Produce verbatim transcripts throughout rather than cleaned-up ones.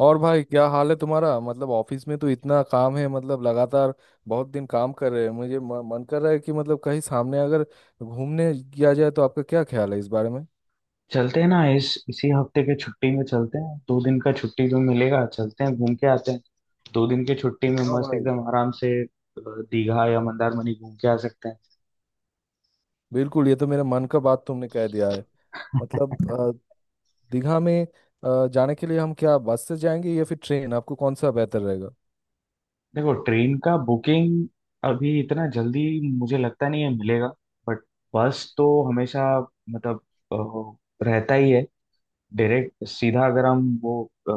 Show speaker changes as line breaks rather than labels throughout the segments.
और भाई क्या हाल है तुम्हारा? मतलब ऑफिस में तो इतना काम है, मतलब लगातार बहुत दिन काम कर रहे हैं। मुझे म- मन कर रहा है कि मतलब कहीं सामने अगर घूमने किया जाए, तो आपका क्या ख्याल है इस बारे में?
चलते हैं ना इस इसी हफ्ते के छुट्टी में चलते हैं, दो दिन का छुट्टी जो मिलेगा चलते हैं घूम के आते हैं। दो दिन की छुट्टी में
हाँ
मस्त
भाई,
एकदम आराम से अ, दीघा या मंदारमनी घूम के आ सकते
बिल्कुल ये तो मेरे मन का बात तुमने कह दिया है।
हैं।
मतलब अ, दीघा में अ, जाने के लिए हम क्या बस से जाएंगे या फिर ट्रेन? आपको कौन सा बेहतर रहेगा?
देखो, ट्रेन का बुकिंग अभी इतना जल्दी मुझे लगता नहीं है मिलेगा। बट बस तो हमेशा मतलब अ, रहता ही है। डायरेक्ट सीधा अगर हम वो अ,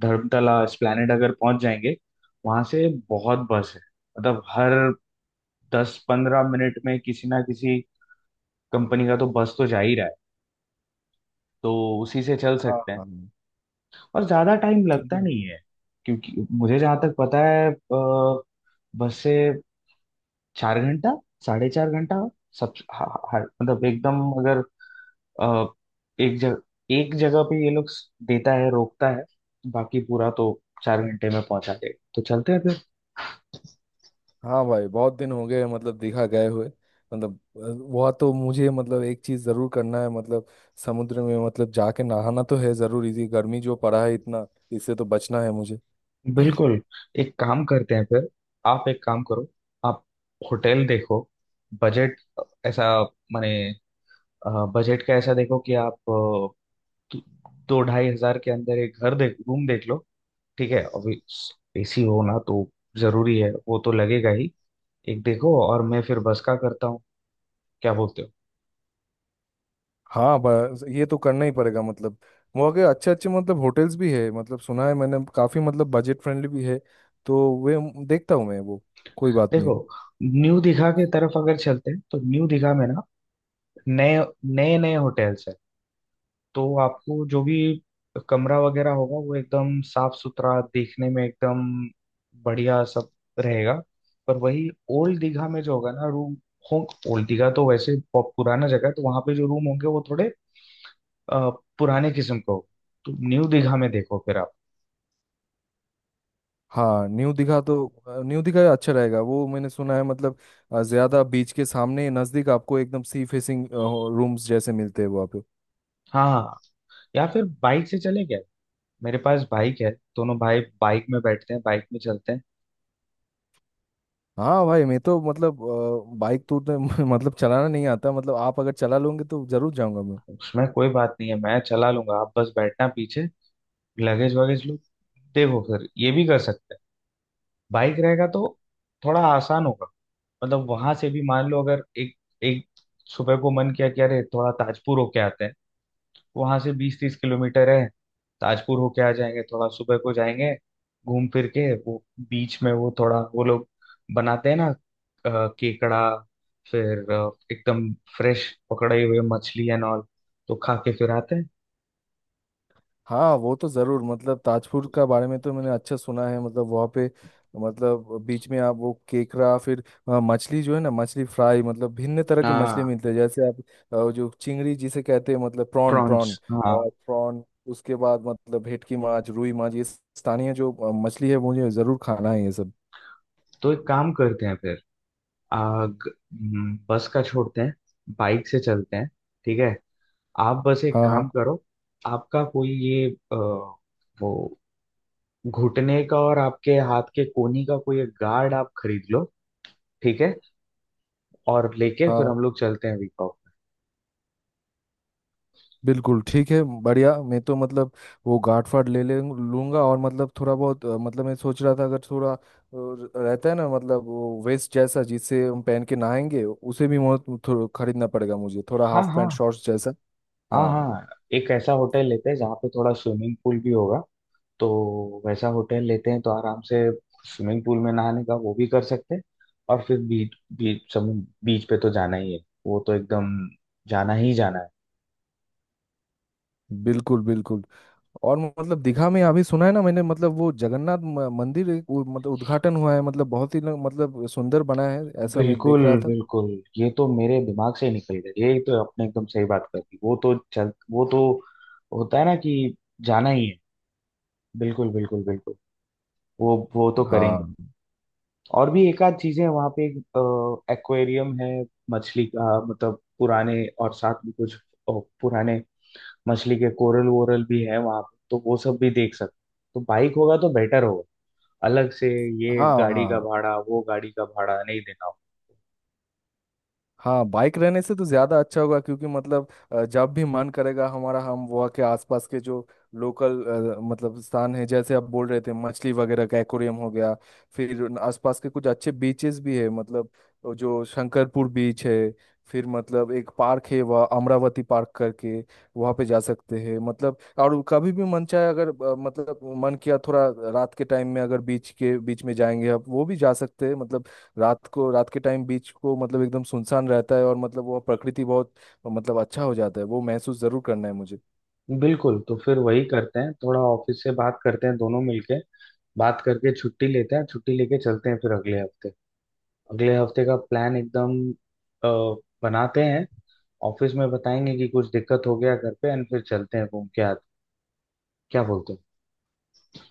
धर्मतला एस्प्लेनेड अगर पहुंच जाएंगे, वहां से बहुत बस है। मतलब हर दस पंद्रह मिनट में किसी ना किसी कंपनी का तो बस तो जा ही रहा है, तो उसी से चल
हाँ
सकते हैं।
हाँ हाँ।
और ज्यादा टाइम
ठीक
लगता नहीं
है।
है क्योंकि मुझे जहां तक पता है अ, बस से चार घंटा, साढ़े चार घंटा, सब हा- हा- मतलब एकदम अगर अ, एक जगह एक जगह पे ये लोग स- देता है रोकता है, बाकी पूरा तो चार घंटे में पहुंचा देगा, तो चलते हैं फिर।
हाँ भाई, बहुत दिन हो गए मतलब दिखा गए हुए। मतलब अ, वह तो मुझे, मतलब एक चीज जरूर करना है। मतलब समुद्र में मतलब जाके नहाना तो है जरूर। इसी गर्मी जो पड़ा है इतना, इससे तो बचना है मुझे।
बिल्कुल, एक काम करते हैं फिर, आप एक काम करो, आप होटल देखो। बजट ऐसा, माने बजट का ऐसा देखो कि आप अ, दो दो ढाई हजार के अंदर एक घर देख, रूम देख लो। ठीक है अभी, एसी हो ना तो, जरूरी है वो तो लगेगा ही। एक देखो और मैं फिर बस का करता हूँ, क्या बोलते हो?
हाँ, बस ये तो करना ही पड़ेगा। मतलब वहाँ के अच्छे अच्छे मतलब होटल्स भी है, मतलब सुना है मैंने काफी मतलब बजट फ्रेंडली भी है। तो वे देखता हूँ मैं वो। कोई बात
देखो,
नहीं।
न्यू दिघा की तरफ अगर चलते हैं तो न्यू दिघा में ना नए नए नए होटल्स हैं, तो आपको जो भी कमरा वगैरह होगा वो एकदम साफ सुथरा, देखने में एकदम बढ़िया सब रहेगा। पर वही ओल्ड दीघा में जो होगा ना रूम हो, ओल्ड दीघा तो वैसे बहुत पुराना जगह है, तो वहां पे जो रूम होंगे वो थोड़े अ, पुराने किस्म का होगा, तो न्यू दीघा में देखो फिर आप।
हाँ, न्यू दिखा तो अ, न्यू दिखा अच्छा रहेगा, वो मैंने सुना है। मतलब अ, ज्यादा बीच के सामने नजदीक आपको एकदम सी फेसिंग रूम्स जैसे मिलते हैं वहाँ पे।
हाँ, या फिर बाइक से चले गए, मेरे पास बाइक है, दोनों भाई बाइक में बैठते हैं, बाइक में चलते हैं।
हाँ भाई, मैं तो मतलब बाइक तो उतना- मतलब चलाना नहीं आता। मतलब आप अगर चला लोगे तो जरूर जाऊंगा मैं।
उसमें कोई बात नहीं है, मैं चला लूंगा, आप बस बैठना पीछे, लगेज वगैज लो। देखो फिर ये भी कर सकते हैं, बाइक रहेगा तो थोड़ा आसान होगा। मतलब वहां से भी मान लो अगर एक एक सुबह को मन किया कि अरे थोड़ा ताजपुर होके आते हैं, वहां से बीस तीस किलोमीटर है, ताजपुर होके आ जाएंगे, थोड़ा सुबह को जाएंगे, घूम फिर के वो बीच में, वो थोड़ा वो लोग बनाते हैं ना अ, केकड़ा, फिर अ, एकदम फ्रेश पकड़े हुए मछली एंड ऑल, तो खा के फिर आते हैं।
हाँ वो तो ज़रूर, मतलब ताजपुर का बारे में तो मैंने अच्छा सुना है। मतलब वहाँ पे मतलब बीच में आप वो केकड़ा, फिर अ, मछली जो है ना, मछली फ्राई, मतलब भिन्न तरह के
हाँ,
मछली मिलते हैं। जैसे आप अ, जो चिंगड़ी जिसे कहते हैं, मतलब प्रॉन प्रॉन
प्रॉन्स हाँ।
और प्रॉन, उसके बाद मतलब भेटकी माछ, रुई माछ, ये स्थानीय जो अ, मछली है, मुझे ज़रूर खाना है ये सब।
तो एक काम करते हैं फिर, आ, ग- हम्म, बस का छोड़ते हैं, बाइक से चलते हैं, ठीक है। आप बस एक
हाँ हाँ।
काम करो, आपका कोई ये आ, वो घुटने का और आपके हाथ के कोहनी का कोई एक गार्ड आप खरीद लो, ठीक है। और लेके फिर
हाँ
हम लोग चलते हैं, वीक ऑफ।
बिल्कुल ठीक है, बढ़िया। मैं तो मतलब वो गांठ फाड़ ले ले लूंगा। और मतलब थोड़ा बहुत अ, मतलब मैं सोच रहा था अगर थोड़ा अ, रहता है ना, मतलब वो वेस्ट जैसा जिससे हम पहन के नहाएंगे, उसे भी मो- थो- खरीदना पड़ेगा मुझे, थोड़ा
हाँ,
हाफ
हाँ,
पैंट शॉर्ट्स जैसा।
हाँ,
हाँ
हाँ। एक ऐसा होटल लेते हैं जहाँ पे थोड़ा स्विमिंग पूल भी होगा, तो वैसा होटल लेते हैं तो आराम से स्विमिंग पूल में नहाने का वो भी कर सकते हैं। और फिर बीच बीच समुद्र बीच पे तो जाना ही है, वो तो एकदम जाना ही जाना है।
बिल्कुल बिल्कुल। और मतलब दिखा में अभी सुना है ना मैंने, मतलब वो जगन्नाथ म- मंदिर एक वो मतलब उद्घाटन हुआ है, मतलब बहुत ही ना- मतलब सुंदर बना है, ऐसा मैं
बिल्कुल,
देख रहा था।
बिल्कुल, ये तो मेरे दिमाग से ही निकल गया, ये तो आपने एकदम सही बात कर दी। वो तो चल वो तो होता है ना कि जाना ही है, बिल्कुल, बिल्कुल, बिल्कुल, वो वो तो करेंगे।
हाँ।
और भी एक आध चीजें हैं वहाँ पे, एक्वेरियम है, मछली का मतलब पुराने और साथ में कुछ अ, पुराने मछली के कोरल वोरल भी है वहां पे, तो वो सब भी देख सकते। तो बाइक होगा तो बेटर होगा, अलग से ये
हाँ
गाड़ी का
हाँ।
भाड़ा वो गाड़ी का भाड़ा नहीं देना होगा।
हाँ बाइक रहने से तो ज़्यादा अच्छा होगा, क्योंकि मतलब अ, जब भी मन करेगा हमारा, हम वहाँ के आसपास के जो लोकल मतलब स्थान है, जैसे आप बोल रहे थे मछली वगैरह का एक्वेरियम हो गया, फिर उन आसपास के कुछ अच्छे बीचेस भी है। मतलब वो जो शंकरपुर बीच है, फिर मतलब एक पार्क है वह अमरावती पार्क करके, वहाँ पे जा सकते हैं। मतलब और कभी भी मन चाहे अगर, अ, मतलब मन किया थोड़ा रात के टाइम में अगर बीच के बीच में जाएंगे आप, वो भी जा सकते हैं। मतलब रात को, रात के टाइम बीच को मतलब एकदम सुनसान रहता है और मतलब वो प्रकृति बहुत मतलब अच्छा हो जाता है। वो महसूस जरूर करना है मुझे।
बिल्कुल, तो फिर वही करते हैं, थोड़ा ऑफिस से बात करते हैं दोनों मिलके, बात करके छुट्टी लेते हैं, छुट्टी लेके चलते हैं फिर अगले हफ्ते अगले हफ्ते का प्लान एकदम अ, बनाते हैं, ऑफिस में बताएंगे कि कुछ दिक्कत हो गया घर पे, एंड फिर चलते हैं घूम के आते हैं। क्या बोलते हो?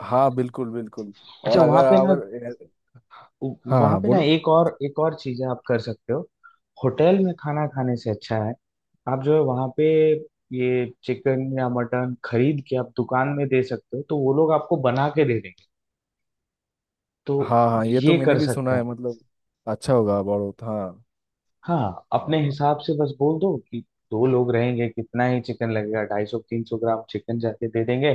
हाँ बिल्कुल बिल्कुल। और
अच्छा, वहां
अगर
पे ना
अगर हाँ
वहां
हाँ
पे ना
बोलो।
एक और एक और चीजें आप कर सकते हो। होटल में खाना खाने से अच्छा है आप जो है वहां पे ये चिकन या मटन खरीद के आप दुकान में दे सकते हो, तो वो लोग आपको बना के दे देंगे, तो
हाँ हाँ, ये तो
ये
मैंने
कर
भी
सकते
सुना
हैं।
है मतलब अच्छा होगा बहुत। हाँ।
हाँ, अपने
हाँ
हिसाब से बस बोल दो कि दो लोग रहेंगे, कितना ही चिकन लगेगा, ढाई सौ तीन सौ ग्राम चिकन जाके दे देंगे,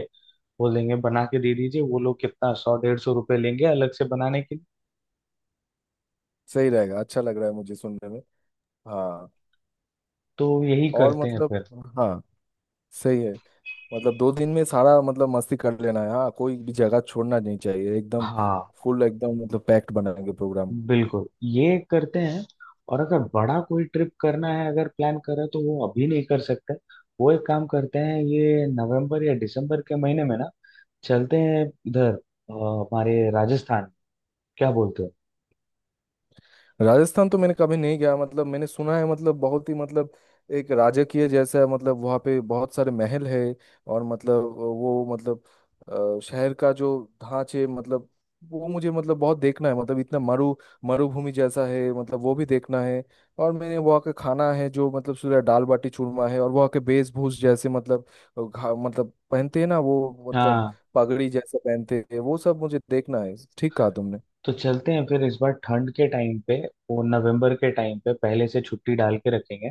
बोल देंगे बना के दे दीजिए, वो लोग कितना, सौ डेढ़ सौ रुपये लेंगे अलग से बनाने के लिए।
सही रहेगा, अच्छा लग रहा है मुझे सुनने में। हाँ।
तो यही
और
करते हैं
मतलब,
फिर।
हाँ सही है। मतलब दो दिन में सारा मतलब मस्ती कर लेना है। हाँ, कोई भी जगह छोड़ना नहीं चाहिए एकदम।
हाँ,
फुल एकदम मतलब पैक्ड बनाएंगे प्रोग्राम।
बिल्कुल, ये करते हैं। और अगर बड़ा कोई ट्रिप करना है, अगर प्लान कर रहे हैं, तो वो अभी नहीं कर सकते, वो एक काम करते हैं, ये नवंबर या दिसंबर के महीने में ना चलते हैं इधर अ, हमारे राजस्थान, क्या बोलते हो?
राजस्थान तो मैंने कभी नहीं गया। मतलब मैंने सुना है मतलब बहुत ही मतलब एक राजकीय जैसा है, मतलब वहाँ पे बहुत सारे महल है और मतलब वो मतलब अ, शहर का जो ढांचे मतलब वो मुझे मतलब बहुत देखना है। मतलब इतना मरु मरुभूमि जैसा है, मतलब वो भी देखना है। और मैंने वहाँ का खाना है जो, मतलब सूर्य दाल बाटी चूरमा है, और वहाँ के वेशभूष जैसे मतलब घा, मतलब पहनते हैं ना वो, मतलब
हाँ,
पगड़ी जैसा पहनते हैं, वो सब मुझे देखना है। ठीक कहा तुमने।
तो चलते हैं फिर इस बार ठंड के टाइम पे, वो नवंबर के टाइम पे पहले से छुट्टी डाल के रखेंगे।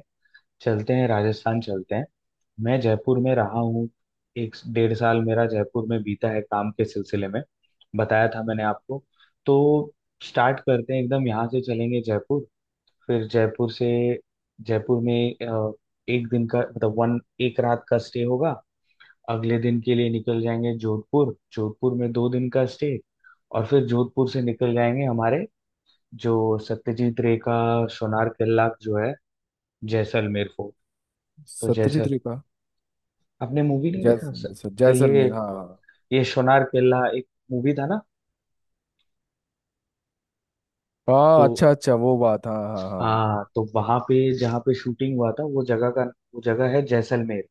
चलते हैं राजस्थान, चलते हैं। मैं जयपुर में रहा हूँ, एक डेढ़ साल मेरा जयपुर में बीता है काम के सिलसिले में, बताया था मैंने आपको। तो स्टार्ट करते हैं एकदम यहाँ से, चलेंगे जयपुर, फिर जयपुर से, जयपुर में अ, एक दिन का मतलब वन एक रात का स्टे होगा। अगले दिन के लिए निकल जाएंगे जोधपुर, जोधपुर में दो दिन का स्टे, और फिर जोधपुर से निकल जाएंगे हमारे जो सत्यजीत रे का सोनार किला जो है, जैसलमेर फोर्ट। तो
सत्यजीत
जैसल
रे कहा।
आपने मूवी नहीं देखा
जैसलमेर से-
सर? ये
जैसलमेर, हाँ हाँ हाँ।
ये सोनार केला एक मूवी था ना?
हाँ,
तो
अच्छा अच्छा वो बात। हाँ हाँ हाँ।
आ, तो वहां पे जहाँ पे शूटिंग हुआ था वो जगह का, वो जगह है जैसलमेर,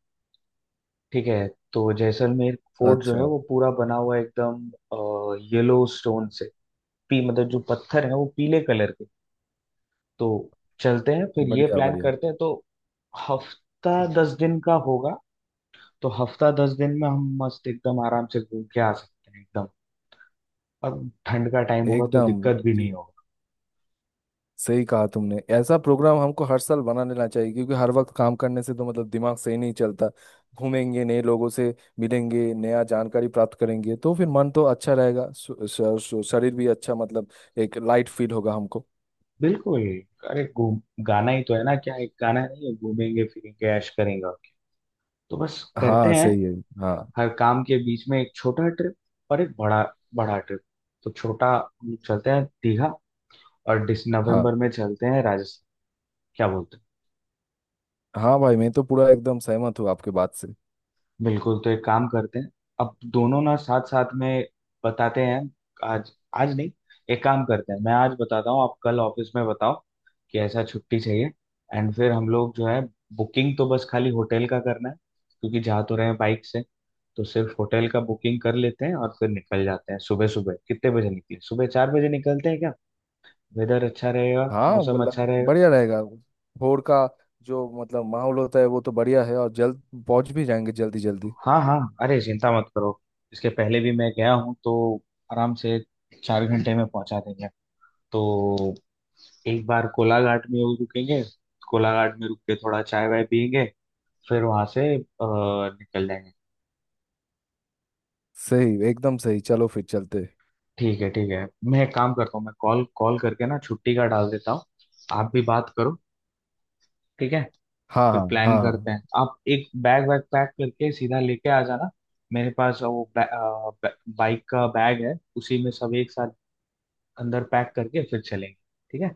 ठीक है। तो जैसलमेर
हाँ।
फोर्ट जो है
अच्छा।
वो पूरा बना हुआ है एकदम येलो स्टोन से, पी मतलब जो पत्थर है वो पीले कलर के। तो चलते हैं फिर, ये
बढ़िया
प्लान
बढ़िया।
करते हैं। तो हफ्ता दस दिन का होगा, तो हफ्ता दस दिन में हम मस्त एकदम आराम से घूम के आ सकते हैं एकदम। और ठंड का टाइम होगा तो
एकदम।
दिक्कत भी
जी,
नहीं।
सही कहा तुमने। ऐसा प्रोग्राम हमको हर साल बना लेना चाहिए, क्योंकि हर वक्त काम करने से तो मतलब दिमाग सही नहीं चलता। घूमेंगे, नए लोगों से मिलेंगे, नया जानकारी प्राप्त करेंगे, तो फिर मन तो अच्छा रहेगा, श- श- श- शरीर भी अच्छा मतलब एक लाइट फील होगा हमको।
बिल्कुल, अरे घूम गाना ही तो है ना, क्या एक गाना नहीं है, घूमेंगे फिरेंगे ऐश करेंगे। तो बस करते
हाँ
हैं,
सही है। हाँ।
हर काम के बीच में एक छोटा ट्रिप और एक बड़ा बड़ा ट्रिप। तो छोटा हम लोग चलते हैं दीघा, और दिस
हाँ
नवंबर में चलते हैं राजस्थान, क्या बोलते हो?
हाँ भाई, मैं तो पूरा एकदम सहमत हूँ आपके बात से।
बिल्कुल, तो एक काम करते हैं, अब दोनों ना साथ साथ में बताते हैं आज आज नहीं, एक काम करते हैं, मैं आज बताता हूँ, आप कल ऑफिस में बताओ कि ऐसा छुट्टी चाहिए। एंड फिर हम लोग जो है, बुकिंग तो बस खाली होटल का करना है क्योंकि जा तो रहे हैं बाइक से, तो सिर्फ होटल का बुकिंग कर लेते हैं, और फिर निकल जाते हैं सुबह सुबह, कितने बजे निकले, सुबह चार बजे निकलते हैं क्या? वेदर अच्छा रहेगा,
हाँ,
मौसम
मतलब
अच्छा रहेगा।
बढ़िया रहेगा। भोर का जो मतलब माहौल होता है, वो तो बढ़िया है, और जल्द पहुंच भी जाएंगे जल्दी जल्दी।
हाँ हाँ, अरे चिंता मत करो, इसके पहले भी मैं गया हूँ, तो आराम से चार घंटे में पहुंचा देंगे। तो एक बार कोलाघाट में वो रुकेंगे, कोलाघाट में रुक के थोड़ा चाय वाय पियेंगे, फिर वहां से अ, निकल जाएंगे।
सही, एकदम सही, चलो फिर चलते।
ठीक है, ठीक है। मैं एक काम करता हूँ, मैं कॉल कॉल करके ना छुट्टी का डाल देता हूँ, आप भी बात करो, ठीक है?
हाँ
फिर
हाँ। हाँ
प्लान
हाँ
करते हैं, आप एक बैग वैग पैक करके सीधा लेके आ जाना, मेरे पास वो बाइक का बैग है, उसी में सब एक साथ अंदर पैक करके फिर चलेंगे, ठीक है?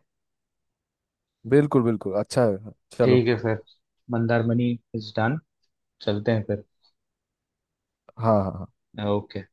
बिल्कुल बिल्कुल अच्छा है, चलो।
ठीक है फिर, मंदारमनी इज डन, चलते हैं फिर।
हाँ हाँ।
ओके।